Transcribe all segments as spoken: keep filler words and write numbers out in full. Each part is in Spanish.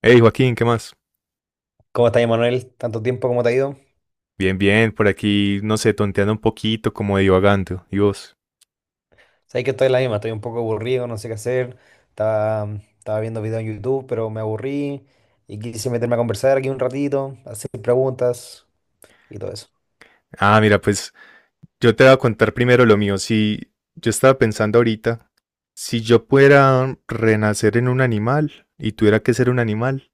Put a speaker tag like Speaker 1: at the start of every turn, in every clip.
Speaker 1: Hey Joaquín, ¿qué más?
Speaker 2: ¿Cómo estás, Manuel? ¿Tanto tiempo? ¿Cómo te ha ido?
Speaker 1: Bien, bien, por aquí, no sé, tonteando un poquito, como divagando. ¿Y vos?
Speaker 2: Sabes que estoy en la misma, estoy un poco aburrido, no sé qué hacer. Estaba, estaba viendo videos en YouTube, pero me aburrí y quise meterme a conversar aquí un ratito, hacer preguntas y todo eso.
Speaker 1: Ah, mira, pues yo te voy a contar primero lo mío. Si yo estaba pensando ahorita, si yo pudiera renacer en un animal y tuviera que ser un animal,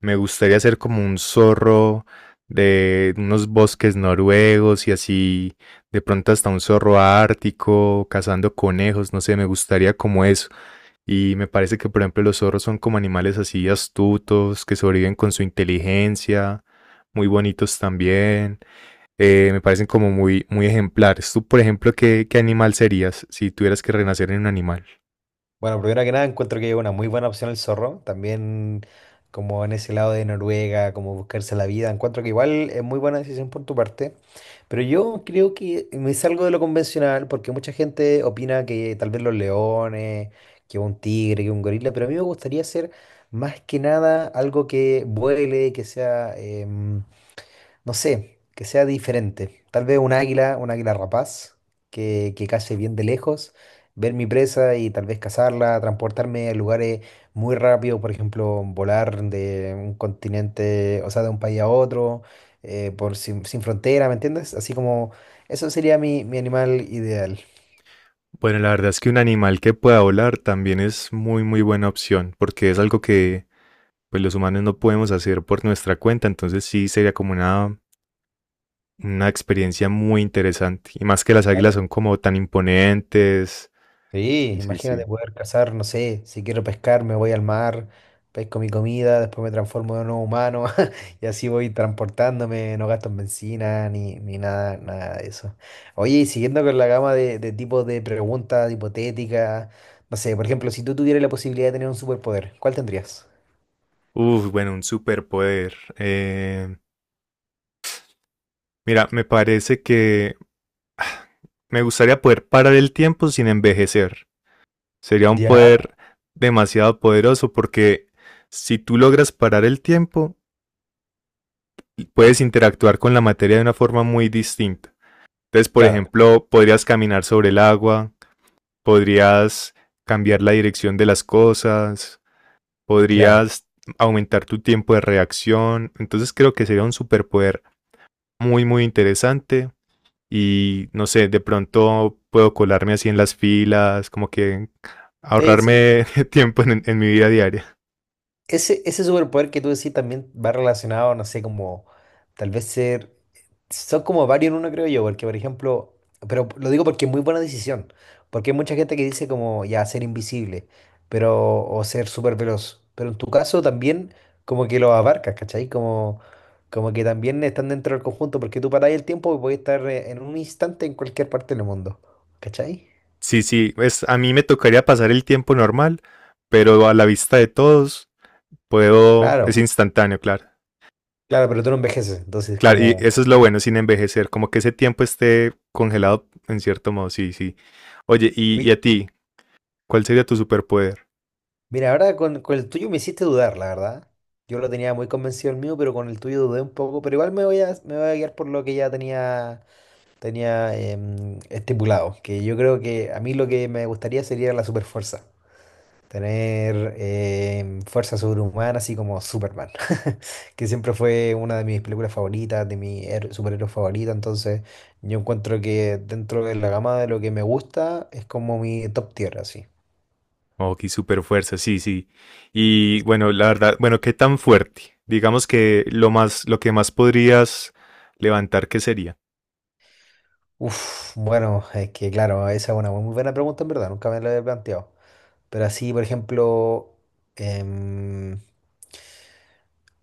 Speaker 1: me gustaría ser como un zorro de unos bosques noruegos y así, de pronto hasta un zorro ártico, cazando conejos, no sé, me gustaría como eso. Y me parece que, por ejemplo, los zorros son como animales así astutos, que sobreviven con su inteligencia, muy bonitos también. Eh, me parecen como muy, muy ejemplares. Tú, por ejemplo, ¿qué, qué animal serías si tuvieras que renacer en un animal?
Speaker 2: Bueno, primero que nada, encuentro que es una muy buena opción el zorro. También, como en ese lado de Noruega, como buscarse la vida, encuentro que igual es muy buena decisión por tu parte. Pero yo creo que me salgo de lo convencional porque mucha gente opina que tal vez los leones, que un tigre, que un gorila, pero a mí me gustaría hacer más que nada algo que vuele, que sea. eh, no sé, que sea diferente. Tal vez un águila, un águila rapaz, que, que case bien de lejos, ver mi presa y tal vez cazarla, transportarme a lugares muy rápido, por ejemplo, volar de un continente, o sea, de un país a otro, eh, por sin, sin frontera, ¿me entiendes? Así como, eso sería mi, mi animal ideal.
Speaker 1: Bueno, la verdad es que un animal que pueda volar también es muy, muy buena opción, porque es algo que pues, los humanos no podemos hacer por nuestra cuenta. Entonces sí sería como una, una experiencia muy interesante. Y más que las águilas
Speaker 2: Claro.
Speaker 1: son como tan imponentes.
Speaker 2: Sí,
Speaker 1: Sí, sí,
Speaker 2: imagínate
Speaker 1: sí.
Speaker 2: poder cazar, no sé, si quiero pescar me voy al mar, pesco mi comida, después me transformo en un humano y así voy transportándome, no gasto en benzina ni, ni nada, nada de eso. Oye, y siguiendo con la gama de, de tipos de preguntas hipotéticas, no sé, por ejemplo, si tú tuvieras la posibilidad de tener un superpoder, ¿cuál tendrías?
Speaker 1: Uf, bueno, un superpoder. Eh, mira, me parece que me gustaría poder parar el tiempo sin envejecer. Sería un
Speaker 2: Ya,
Speaker 1: poder demasiado poderoso porque si tú logras parar el tiempo, puedes interactuar con la materia de una forma muy distinta. Entonces, por
Speaker 2: claro,
Speaker 1: ejemplo, podrías caminar sobre el agua, podrías cambiar la dirección de las cosas,
Speaker 2: claro.
Speaker 1: podrías aumentar tu tiempo de reacción. Entonces creo que sería un superpoder muy, muy interesante. Y no sé, de pronto puedo colarme así en las filas, como que
Speaker 2: Sí, sí,
Speaker 1: ahorrarme tiempo en, en mi vida diaria.
Speaker 2: Ese, ese superpoder que tú decís también va relacionado, no sé, como tal vez ser... Son como varios en uno, creo yo, porque por ejemplo, pero lo digo porque es muy buena decisión, porque hay mucha gente que dice como ya ser invisible, pero o ser súper veloz, pero en tu caso también como que lo abarcas, ¿cachai? Como, como que también están dentro del conjunto, porque tú paráis el tiempo y podés estar eh, en un instante en cualquier parte del mundo, ¿cachai?
Speaker 1: Sí, sí, es, a mí me tocaría pasar el tiempo normal, pero a la vista de todos puedo,
Speaker 2: Claro,
Speaker 1: es instantáneo, claro.
Speaker 2: claro, pero tú no envejeces, entonces
Speaker 1: Claro, y
Speaker 2: como...
Speaker 1: eso es lo bueno sin envejecer, como que ese tiempo esté congelado en cierto modo, sí, sí. Oye, y, y a ti, ¿cuál sería tu superpoder?
Speaker 2: Mira, ahora con, con el tuyo me hiciste dudar, la verdad. Yo lo tenía muy convencido el mío, pero con el tuyo dudé un poco. Pero igual me voy a, me voy a guiar por lo que ya tenía, tenía em, estipulado. Que yo creo que a mí lo que me gustaría sería la superfuerza. Tener em, fuerza sobrehumana, así como Superman. Que siempre fue una de mis películas favoritas, de mi her- superhéroe favorita. Entonces, yo encuentro que dentro de la gama de lo que me gusta, es como mi top tier, así.
Speaker 1: Ok, super fuerza, sí, sí. Y bueno, la verdad, bueno, ¿qué tan fuerte? Digamos que lo más, lo que más podrías levantar, ¿qué sería?
Speaker 2: Uf, bueno, es que claro, esa es una muy buena pregunta en verdad, nunca me la había planteado. Pero así, por ejemplo, em,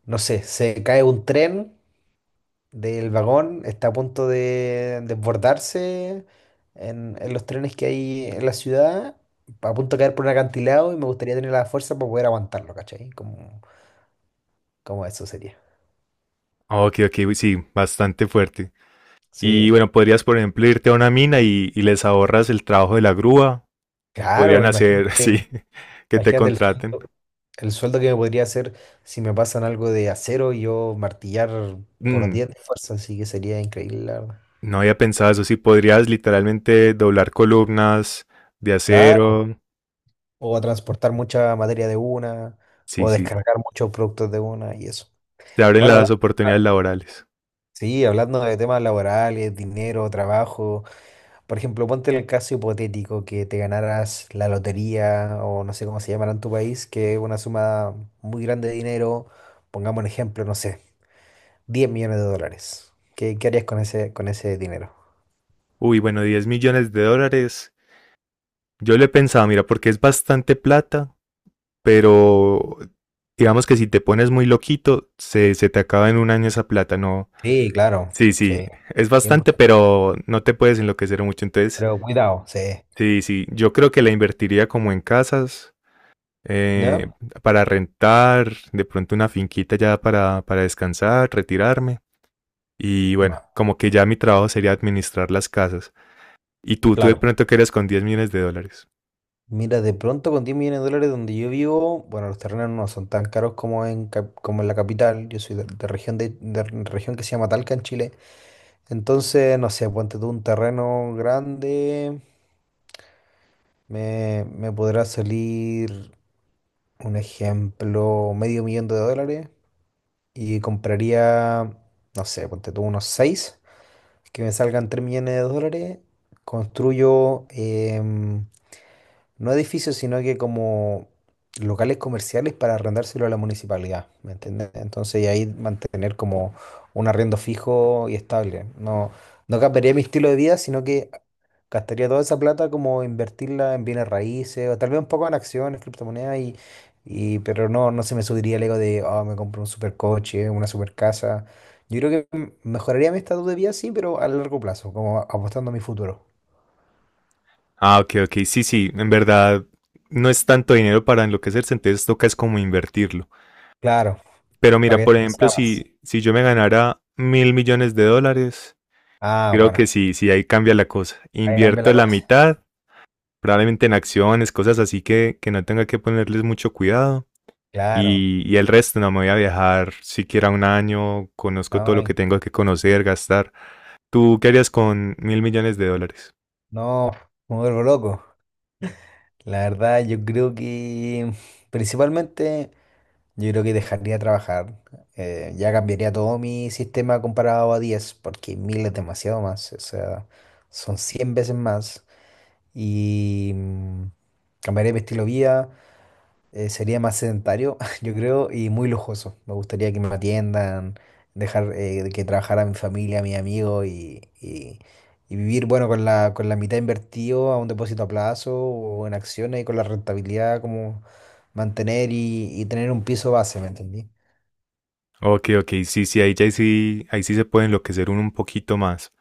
Speaker 2: no sé, se cae un tren del vagón, está a punto de desbordarse en, en los trenes que hay en la ciudad, a punto de caer por un acantilado y me gustaría tener la fuerza para poder aguantarlo, ¿cachai? Como, como eso sería.
Speaker 1: Ok, ok, sí, bastante fuerte.
Speaker 2: Sí,
Speaker 1: Y bueno, podrías, por ejemplo, irte a una mina y, y les ahorras el trabajo de la grúa.
Speaker 2: claro,
Speaker 1: Podrían hacer, sí,
Speaker 2: imagínate,
Speaker 1: que te
Speaker 2: imagínate el sueño.
Speaker 1: contraten.
Speaker 2: El sueldo que me podría hacer si me pasan algo de acero y yo martillar por
Speaker 1: Mm,
Speaker 2: diez de fuerza, así que sería increíble, la verdad.
Speaker 1: no había pensado eso, sí, podrías literalmente doblar columnas de
Speaker 2: Claro,
Speaker 1: acero.
Speaker 2: o transportar mucha materia de una,
Speaker 1: Sí,
Speaker 2: o
Speaker 1: sí,
Speaker 2: descargar muchos productos de una y eso.
Speaker 1: te abren
Speaker 2: Bueno,
Speaker 1: las
Speaker 2: hablando, claro,
Speaker 1: oportunidades laborales.
Speaker 2: sí, hablando de temas laborales, dinero, trabajo, por ejemplo, ponte el caso hipotético que te ganaras la lotería o no sé cómo se llamará en tu país, que es una suma muy grande de dinero, pongamos un ejemplo, no sé. Diez millones de dólares. ¿Qué, qué harías con ese, con ese dinero?
Speaker 1: Uy, bueno, diez millones de dólares. Yo le pensaba, mira, porque es bastante plata, pero digamos que si te pones muy loquito, se, se te acaba en un año esa plata, no.
Speaker 2: Sí, claro,
Speaker 1: Sí, sí,
Speaker 2: sí,
Speaker 1: es bastante,
Speaker 2: cien por ciento.
Speaker 1: pero no te puedes enloquecer mucho. Entonces,
Speaker 2: Pero cuidado, sí.
Speaker 1: sí, sí, yo creo que la invertiría como en casas,
Speaker 2: ¿No?
Speaker 1: eh, para rentar, de pronto una finquita ya para, para descansar, retirarme. Y bueno,
Speaker 2: Ma-
Speaker 1: como que ya mi trabajo sería administrar las casas. Y tú, tú de
Speaker 2: Claro.
Speaker 1: pronto qué eres con diez millones de dólares.
Speaker 2: Mira, de pronto con diez millones de dólares donde yo vivo, bueno, los terrenos no son tan caros como en, cap- como en la capital. Yo soy de, de región de, de re- región que se llama Talca en Chile. Entonces, no sé, ponte tú un terreno grande, me, me podrá salir un ejemplo, medio millón de dólares. Y compraría, no sé, ponte tú unos seis que me salgan tres millones de dólares, construyo em, no edificios, sino que como locales comerciales para arrendárselo a la municipalidad, ¿me entiendes? Entonces y ahí mantener como un arriendo fijo y estable. No, no cambiaría mi estilo de vida, sino que gastaría toda esa plata como invertirla en bienes raíces o tal vez un poco en acciones, criptomonedas y, y pero no, no se me subiría el ego de, oh, me compro un supercoche, una supercasa. Yo creo que m- mejoraría mi estado de vida, sí, pero a largo plazo, como a- apostando a mi futuro.
Speaker 1: Ah, ok, ok. Sí, sí, en verdad no es tanto dinero para enloquecerse, entonces toca es como invertirlo.
Speaker 2: Claro,
Speaker 1: Pero mira,
Speaker 2: para que
Speaker 1: por
Speaker 2: esto
Speaker 1: ejemplo,
Speaker 2: sea más.
Speaker 1: si, si yo me ganara mil millones de dólares,
Speaker 2: Ah,
Speaker 1: creo
Speaker 2: bueno,
Speaker 1: que sí, sí, ahí cambia la cosa.
Speaker 2: ahí cambia la
Speaker 1: Invierto la
Speaker 2: cosa.
Speaker 1: mitad, probablemente en acciones, cosas así que, que no tenga que ponerles mucho cuidado.
Speaker 2: Claro,
Speaker 1: Y, y el resto no me voy a viajar siquiera un año, conozco
Speaker 2: no,
Speaker 1: todo lo que
Speaker 2: en-
Speaker 1: tengo que conocer, gastar. ¿Tú qué harías con mil millones de dólares?
Speaker 2: no, me vuelvo loco. La verdad, yo creo que principalmente yo creo que dejaría de trabajar. eh, ya cambiaría todo mi sistema comparado a diez porque mil es demasiado más. O sea, son cien veces más. Y mm, cambiaría mi estilo de vida. eh, sería más sedentario, yo creo, y muy lujoso. Me gustaría que me atiendan, dejar eh, que trabajara mi familia, mi amigo y, y- y vivir, bueno, con la, con la mitad invertido a un depósito a plazo o en acciones y con la rentabilidad como mantener y, y tener un piso base, ¿me entendí?
Speaker 1: Ok, ok, sí, sí, ahí ya sí, ahí sí se puede enloquecer uno un poquito más.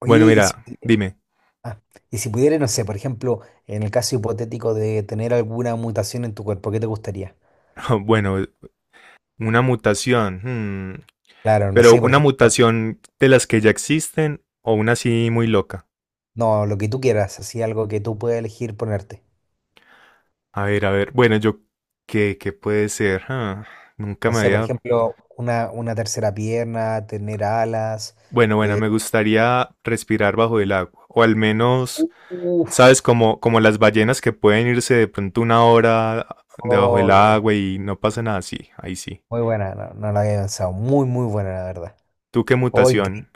Speaker 2: Oye,
Speaker 1: Bueno,
Speaker 2: y si,
Speaker 1: mira, dime.
Speaker 2: ah, y si pudiera, no sé, por ejemplo, en el caso hipotético de tener alguna mutación en tu cuerpo, ¿qué te gustaría?
Speaker 1: Bueno, una mutación. hmm,
Speaker 2: Claro, no
Speaker 1: Pero
Speaker 2: sé, por
Speaker 1: una
Speaker 2: ejemplo,
Speaker 1: mutación de las que ya existen o una así muy loca.
Speaker 2: no, lo que tú quieras, así algo que tú puedas elegir ponerte.
Speaker 1: A ver, a ver. Bueno, yo... ¿Qué, qué puede ser? Ah, nunca
Speaker 2: No
Speaker 1: me
Speaker 2: sé, por
Speaker 1: había...
Speaker 2: ejemplo, una, una tercera pierna, tener alas.
Speaker 1: Bueno, bueno,
Speaker 2: eh,
Speaker 1: me gustaría respirar bajo el agua. O al menos, ¿sabes?
Speaker 2: uf,
Speaker 1: Como, como las ballenas que pueden irse de pronto una hora debajo
Speaker 2: oh,
Speaker 1: del
Speaker 2: bien,
Speaker 1: agua y no pasa nada. Sí, ahí sí.
Speaker 2: muy buena, no, no la había pensado, muy, muy buena, la verdad.
Speaker 1: ¿Tú qué
Speaker 2: Oh, increíble.
Speaker 1: mutación?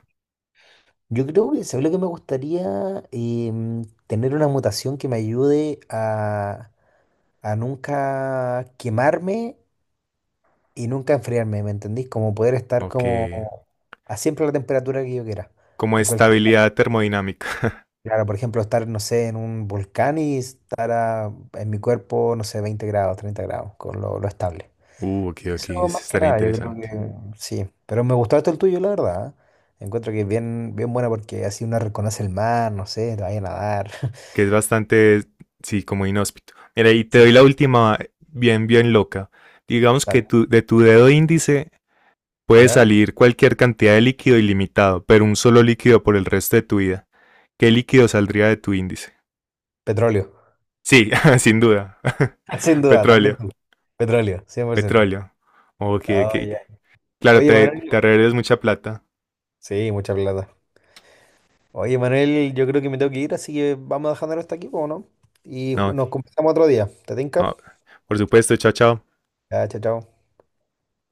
Speaker 2: Yo creo que, ¿sabes lo que me gustaría? Em, tener una mutación que me ayude a a nunca quemarme y nunca enfriarme, ¿me entendís? Como poder estar
Speaker 1: O
Speaker 2: como
Speaker 1: qué...
Speaker 2: a siempre la temperatura que yo quiera.
Speaker 1: Como
Speaker 2: En cualquier,
Speaker 1: estabilidad termodinámica.
Speaker 2: claro, por ejemplo, estar, no sé, en un volcán y estar a- en mi cuerpo, no sé, veinte grados, treinta grados, con lo, lo estable.
Speaker 1: Uh, ok,
Speaker 2: Y
Speaker 1: ok.
Speaker 2: eso más que
Speaker 1: Estaría
Speaker 2: nada, yo creo
Speaker 1: interesante.
Speaker 2: que sí. Pero me gustó esto el tuyo, la verdad. ¿Eh? Encuentro que es bien, bien buena porque así uno reconoce el mar, no sé, te vaya a nadar.
Speaker 1: Que es bastante, sí, como inhóspito. Mira, y te
Speaker 2: Sí,
Speaker 1: doy
Speaker 2: sí,
Speaker 1: la última bien, bien loca. Digamos que
Speaker 2: dale.
Speaker 1: tu, de tu dedo índice puede
Speaker 2: ¿Ya?
Speaker 1: salir cualquier cantidad de líquido ilimitado, pero un solo líquido por el resto de tu vida. ¿Qué líquido saldría de tu índice?
Speaker 2: Petróleo.
Speaker 1: Sí, sin duda.
Speaker 2: Sin duda, también
Speaker 1: Petróleo,
Speaker 2: tú. Petróleo, cien por ciento.
Speaker 1: petróleo. Ok, ok.
Speaker 2: Ah, ya.
Speaker 1: Claro,
Speaker 2: Oye,
Speaker 1: te,
Speaker 2: Manuel.
Speaker 1: te arreglas mucha plata.
Speaker 2: Sí, mucha plata. Oye, Manuel, yo creo que me tengo que ir, así que vamos a dejarlo hasta aquí, ¿o no? Y
Speaker 1: No,
Speaker 2: ju-
Speaker 1: ok.
Speaker 2: nos conversamos otro día. ¿Te tinca?
Speaker 1: No. Por supuesto, chao, chao.
Speaker 2: Ya, chao, chao.